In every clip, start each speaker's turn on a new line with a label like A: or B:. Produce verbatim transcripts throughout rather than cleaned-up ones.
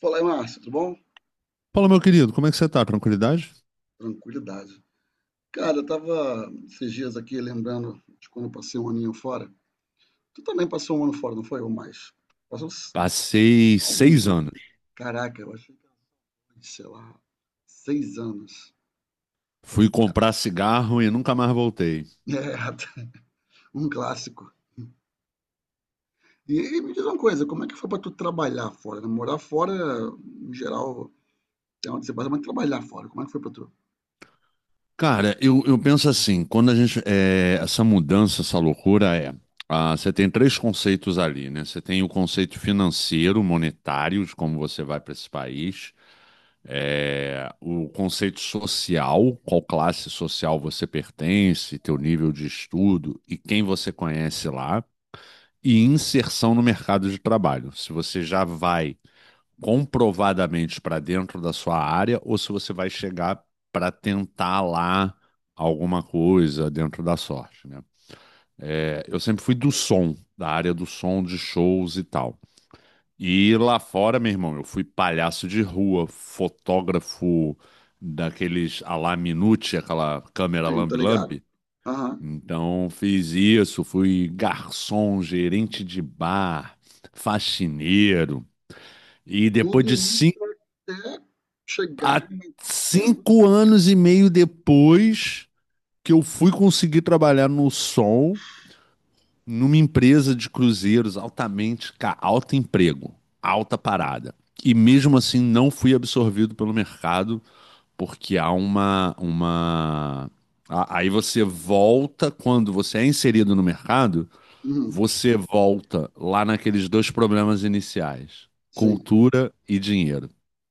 A: Fala aí, Márcio, tudo bom?
B: Fala, meu querido, como é que você tá? Tranquilidade?
A: Tranquilidade. Cara, eu tava esses dias aqui lembrando de quando eu passei um aninho fora. Tu também passou um ano fora, não foi? Ou mais? Passou uns-
B: Passei
A: alguns,
B: seis
A: né?
B: anos.
A: Caraca, eu achei que era, de, sei lá, seis anos.
B: Fui comprar cigarro e nunca mais voltei.
A: É, um clássico. E, e me diz uma coisa, como é que foi pra tu trabalhar fora? Né? Morar fora, em geral, tem onde você passa, mas trabalhar fora, como é que foi pra tu?
B: Cara, eu, eu penso assim, quando a gente. É, essa mudança, essa loucura é. Ah, você tem três conceitos ali, né? Você tem o conceito financeiro, monetário, de como você vai para esse país. É, o conceito social, qual classe social você pertence, teu nível de estudo e quem você conhece lá. E inserção no mercado de trabalho. Se você já vai comprovadamente para dentro da sua área ou se você vai chegar para tentar lá alguma coisa dentro da sorte, né? É, eu sempre fui do som, da área do som, de shows e tal. E lá fora, meu irmão, eu fui palhaço de rua, fotógrafo daqueles à la Minute, aquela câmera
A: Sim, tá ligado?
B: lambe-lambe.
A: Aham.
B: Então, fiz isso, fui garçom, gerente de bar, faxineiro. E depois
A: Tudo
B: de
A: isso
B: cinco
A: até chegar
B: Há
A: na...
B: cinco anos e meio depois que eu fui conseguir trabalhar no Sol, numa empresa de cruzeiros altamente, ca- alto emprego, alta parada. E mesmo assim não fui absorvido pelo mercado. Porque há uma, uma... a- Aí você volta, quando você é inserido no mercado,
A: Uhum,
B: você volta lá naqueles dois problemas iniciais,
A: sim.
B: cultura e dinheiro,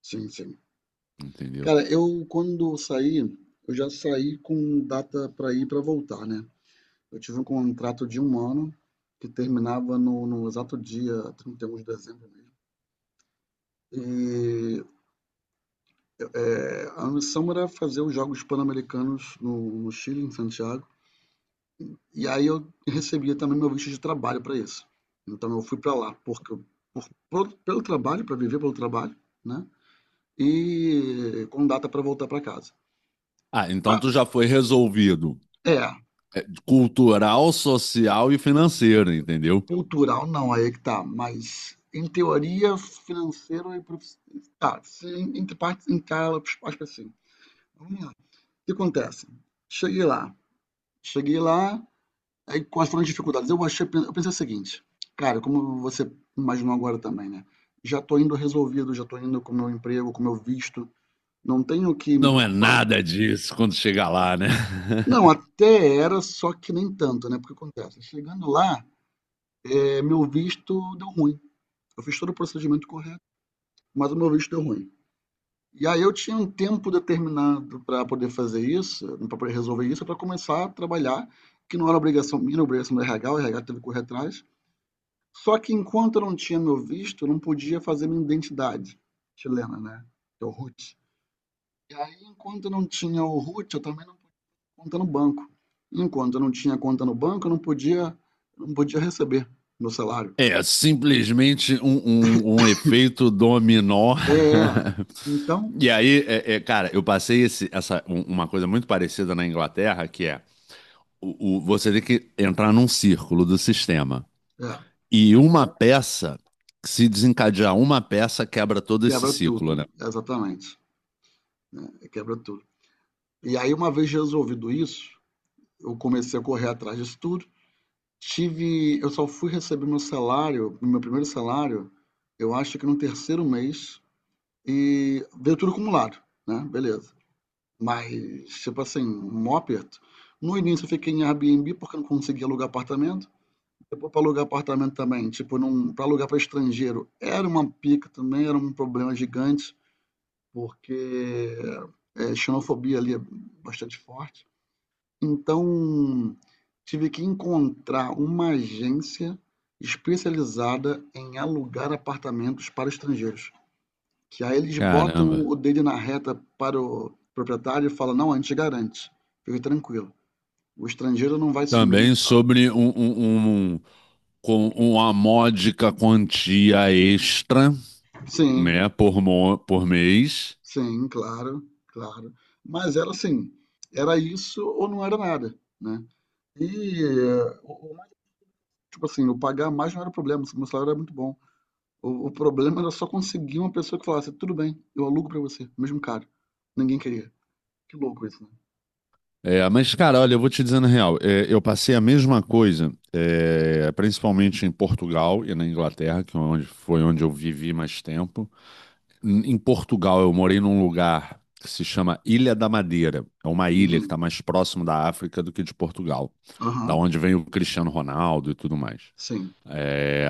A: Sim, sim.
B: entendeu?
A: Cara, eu quando saí, eu já saí com data para ir e para voltar, né? Eu tive um contrato de um ano que terminava no, no exato dia trinta e um de dezembro mesmo. E é, a missão era fazer os Jogos Pan-Americanos no, no Chile, em Santiago. E aí eu recebia também meu visto de trabalho para isso. Então eu fui para lá porque eu- por, por- pelo trabalho, para viver pelo trabalho, né? E com data para voltar para casa.
B: Ah, então
A: Ah,
B: tu já foi resolvido
A: é,
B: cultural, social e financeiro, entendeu?
A: cultural não, aí é que tá, mas em teoria, financeiro e profissional. Tá, se em- entre partes encala, acho que assim. Vamos lá. O que acontece? Cheguei lá, cheguei lá, aí quais foram as dificuldades? Eu achei, eu pensei o seguinte, cara, como você imaginou agora também, né? Já tô indo resolvido, já tô indo com o meu emprego, com o meu visto, não tenho o que me
B: Não é
A: preocupar.
B: nada disso quando chegar lá, né?
A: Não, até era, só que nem tanto, né? Porque acontece, chegando lá, eh, meu visto deu ruim. Eu fiz todo o procedimento correto, mas o meu visto deu ruim. E aí eu tinha um tempo determinado para poder fazer isso, para poder resolver isso, para começar a trabalhar, que não era obrigação minha, era obrigação do RH, o RH teve que correr atrás. Só que enquanto eu não tinha meu visto, eu não podia fazer minha identidade chilena, né? Que é o R U T. E aí, enquanto eu não tinha o R U T, eu também não podia conta no banco. Enquanto eu não tinha conta no banco, eu não podia, não podia receber meu salário.
B: É simplesmente um, um, um efeito dominó.
A: É, é, então,
B: E aí, é- é, cara, eu passei esse- essa, um- uma coisa muito parecida na Inglaterra, que é o, o- você tem que entrar num círculo do sistema.
A: é,
B: E uma peça, se desencadear uma peça, quebra todo esse
A: quebra
B: ciclo, né?
A: tudo, exatamente. Quebra tudo. E aí, uma vez resolvido isso, eu comecei a correr atrás disso tudo. Tive, eu só fui receber meu salário, meu primeiro salário, eu acho que no terceiro mês, e veio tudo acumulado, né? Beleza. Mas, tipo assim, um aperto. No início eu fiquei em Airbnb porque eu não conseguia alugar apartamento. Depois para alugar apartamento também, tipo, não, para alugar para estrangeiro era uma pica também, era um problema gigante, porque é, xenofobia ali é bastante forte. Então, tive que encontrar uma agência especializada em alugar apartamentos para estrangeiros. Que aí eles botam
B: Caramba.
A: o dele na reta para o proprietário e falam: não, a gente garante, fique tranquilo, o estrangeiro não vai sumir e
B: Também
A: tal.
B: sobre um, um, um- um, com uma módica quantia extra,
A: Sim,
B: né, por, mo- por mês.
A: sim, claro, claro. Mas era assim: era isso ou não era nada, né? E, eh, o- o mais, tipo assim, eu pagar mais não era problema, o meu salário era muito bom. O, o problema era só conseguir uma pessoa que falasse, tudo bem, eu alugo pra você, mesmo caro. Ninguém queria. Que louco isso, né?
B: É, mas, cara, olha, eu vou te dizendo a real, é, eu passei a mesma coisa, é, principalmente em Portugal e na Inglaterra, que é onde, foi onde eu vivi mais tempo. Em em Portugal, eu morei num lugar que se chama Ilha da Madeira. É uma ilha que
A: Uhum.
B: está mais próximo da África do que de Portugal, da
A: Aham.
B: onde vem o Cristiano Ronaldo e tudo mais.
A: Sim.
B: É,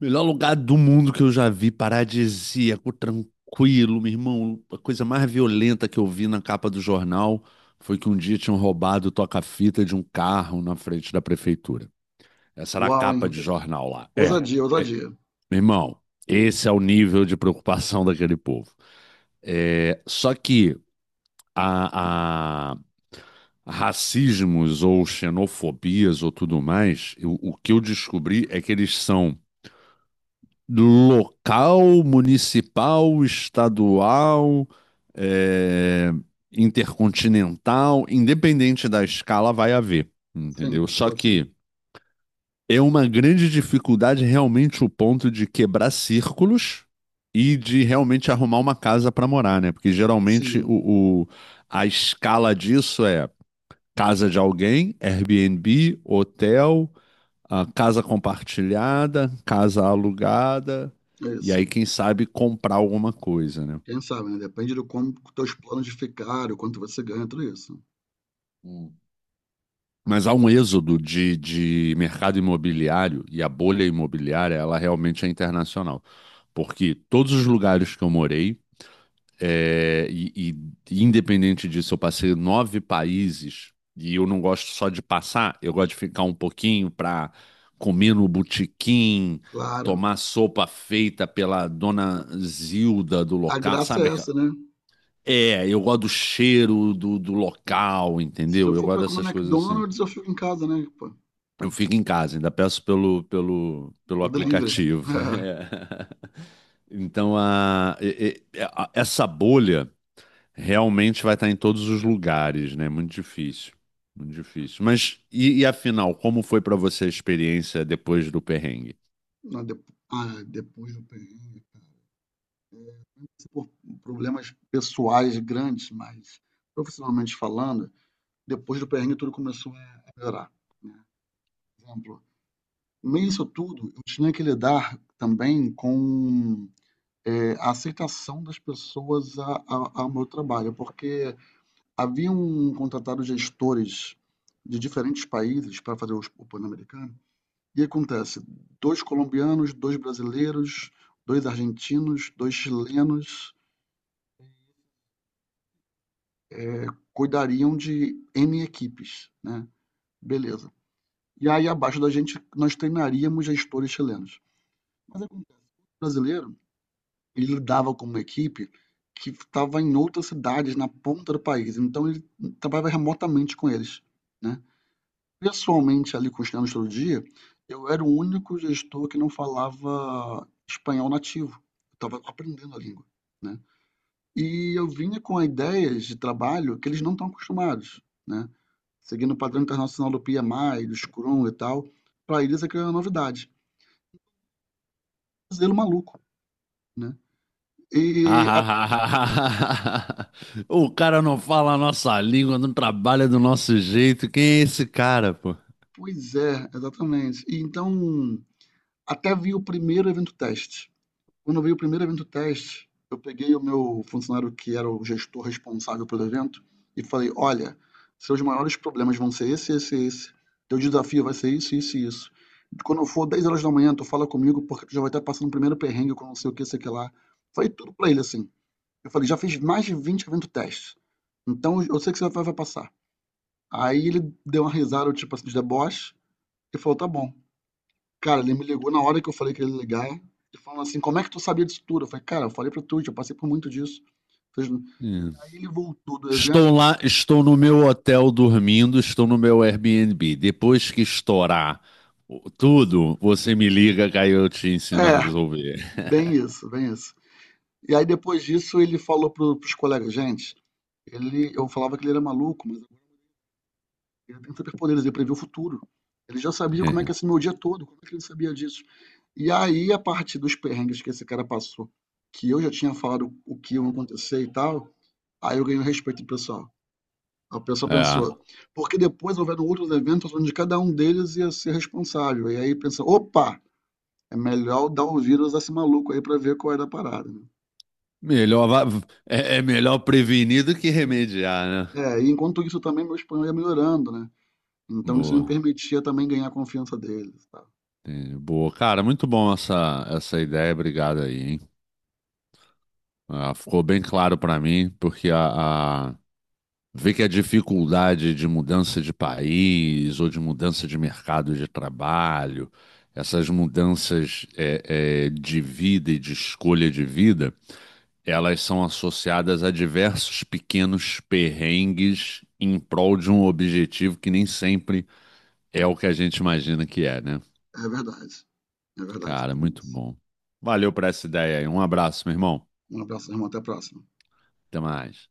B: melhor lugar do mundo que eu já vi, paradisíaco, tranquilo, meu irmão. A coisa mais violenta que eu vi na capa do jornal foi que um dia tinham roubado o toca-fita de um carro na frente da prefeitura. Essa era a
A: Uau,
B: capa
A: hein?
B: de jornal lá. É,
A: Ousadia, ousadia.
B: meu irmão, esse é o nível de preocupação daquele povo. É, só que a, a- racismos ou xenofobias ou tudo mais, eu- o que eu descobri é que eles são local, municipal, estadual, é, intercontinental, independente da escala, vai haver, entendeu?
A: Sim,
B: Só
A: sim.
B: que é uma grande dificuldade realmente o ponto de quebrar círculos e de realmente arrumar uma casa para morar, né? Porque geralmente
A: Sim,
B: o, o- a escala disso é casa de alguém, Airbnb, hotel, a casa compartilhada, casa alugada,
A: é
B: e
A: isso.
B: aí, quem sabe, comprar alguma coisa, né?
A: Quem sabe, né? Depende do como teus planos de ficar, o quanto você ganha, tudo isso.
B: Hum. Mas há um êxodo de, de mercado imobiliário e a bolha imobiliária, ela realmente é internacional. Porque todos os lugares que eu morei. É, e, e independente disso, eu passei nove países e eu não gosto só de passar, eu gosto de ficar um pouquinho para comer no botequim,
A: Claro.
B: tomar sopa feita pela dona Zilda do
A: A
B: local,
A: graça
B: sabe?
A: é
B: aquela-
A: essa, né?
B: É, eu gosto do cheiro do, do local,
A: Se
B: entendeu?
A: eu
B: Eu
A: for
B: gosto
A: pra comer
B: dessas coisas assim.
A: McDonald's, eu fico em casa, né? Pô,
B: Eu fico em casa, ainda peço pelo, pelo, pelo
A: do delivery.
B: aplicativo. É. Então, a, e- e- a- essa bolha. Realmente vai estar em todos os lugares, né? Muito difícil. Muito difícil. Mas e, e afinal, como foi pra você a experiência depois do perrengue?
A: Ah, depo- ah, depois do perrengue. Por problemas pessoais grandes, mas profissionalmente falando, depois do perrengue tudo começou a melhorar. Né? Por exemplo, no meio disso tudo, eu tinha que lidar também com é, a aceitação das pessoas a, a, ao meu trabalho, porque haviam contratado gestores de diferentes países para fazer os- o Pan-Americano, e acontece, dois colombianos, dois brasileiros, dois argentinos, dois chilenos, cuidariam de N equipes, né? Beleza. E aí, abaixo da gente, nós treinaríamos gestores chilenos. Mas o brasileiro, ele lidava com uma equipe que estava em outras cidades, na ponta do país. Então, ele trabalhava remotamente com eles, né? Pessoalmente, ali com os chilenos todo dia, eu era o único gestor que não falava espanhol nativo. Eu estava aprendendo a língua, né? E eu vinha com ideias de trabalho que eles não estão acostumados, né? Seguindo o padrão internacional do P M I, do Scrum e tal, para eles aquilo é uma novidade. Um zelo maluco, né? E, a,
B: O cara não fala a nossa língua, não trabalha do nosso jeito. Quem é esse cara, pô?
A: pois é, exatamente. E então, até vi o primeiro evento teste. Quando eu vi o primeiro evento teste, eu peguei o meu funcionário que era o gestor responsável pelo evento e falei: olha, seus maiores problemas vão ser esse, esse, e esse. Teu desafio vai ser isso, isso e isso. Quando for dez horas da manhã, tu fala comigo porque tu já vai estar passando o primeiro perrengue com não sei o que, sei o que lá. Foi tudo pra ele assim. Eu falei, já fiz mais de vinte eventos testes. Então eu sei que você vai, vai passar. Aí ele deu uma risada, tipo assim, de deboche, e falou, tá bom. Cara, ele me ligou na hora que eu falei que ele ia ligar, e falou assim, como é que tu sabia disso tudo? Eu falei, cara, eu falei pra tu, eu passei por muito disso. Fez-
B: Hum.
A: Aí ele voltou do
B: Estou
A: evento.
B: lá, estou no meu hotel dormindo, estou no meu Airbnb. Depois que estourar o- tudo, você me liga que aí eu te ensino a
A: É,
B: resolver.
A: bem isso, bem isso. E aí depois disso ele falou pro, pros colegas, gente, ele, eu falava que ele era maluco, mas ele tem superpoderes, ele prevê o futuro. Ele já sabia como é que ia ser meu dia todo, como é que ele sabia disso? E aí, a partir dos perrengues que esse cara passou, que eu já tinha falado o que ia acontecer e tal, aí eu ganhei o respeito do pessoal. O pessoal
B: É.
A: pensou, porque depois houveram outros eventos onde cada um deles ia ser responsável. E aí pensa, opa, é melhor dar o vírus a esse maluco aí pra ver qual era a parada, né?
B: Melhor, va- é, é melhor prevenir do que remediar, né?
A: É, e enquanto isso também meu espanhol ia melhorando, né? Então isso me
B: Boa,
A: permitia também ganhar a confiança deles, tá?
B: entendi. Boa. Cara, muito bom essa, essa ideia, obrigado aí, hein? Ah, ficou bem claro pra mim, porque a, a- ver que a dificuldade de mudança de país ou de mudança de mercado de trabalho, essas mudanças é, é, de vida e de escolha de vida, elas são associadas a diversos pequenos perrengues em prol de um objetivo que nem sempre é o que a gente imagina que é, né?
A: É verdade. É verdade.
B: Cara,
A: Tem
B: muito
A: isso.
B: bom. Valeu por essa ideia aí. Um abraço, meu irmão.
A: Um abraço, irmão. Até a próxima.
B: Até mais.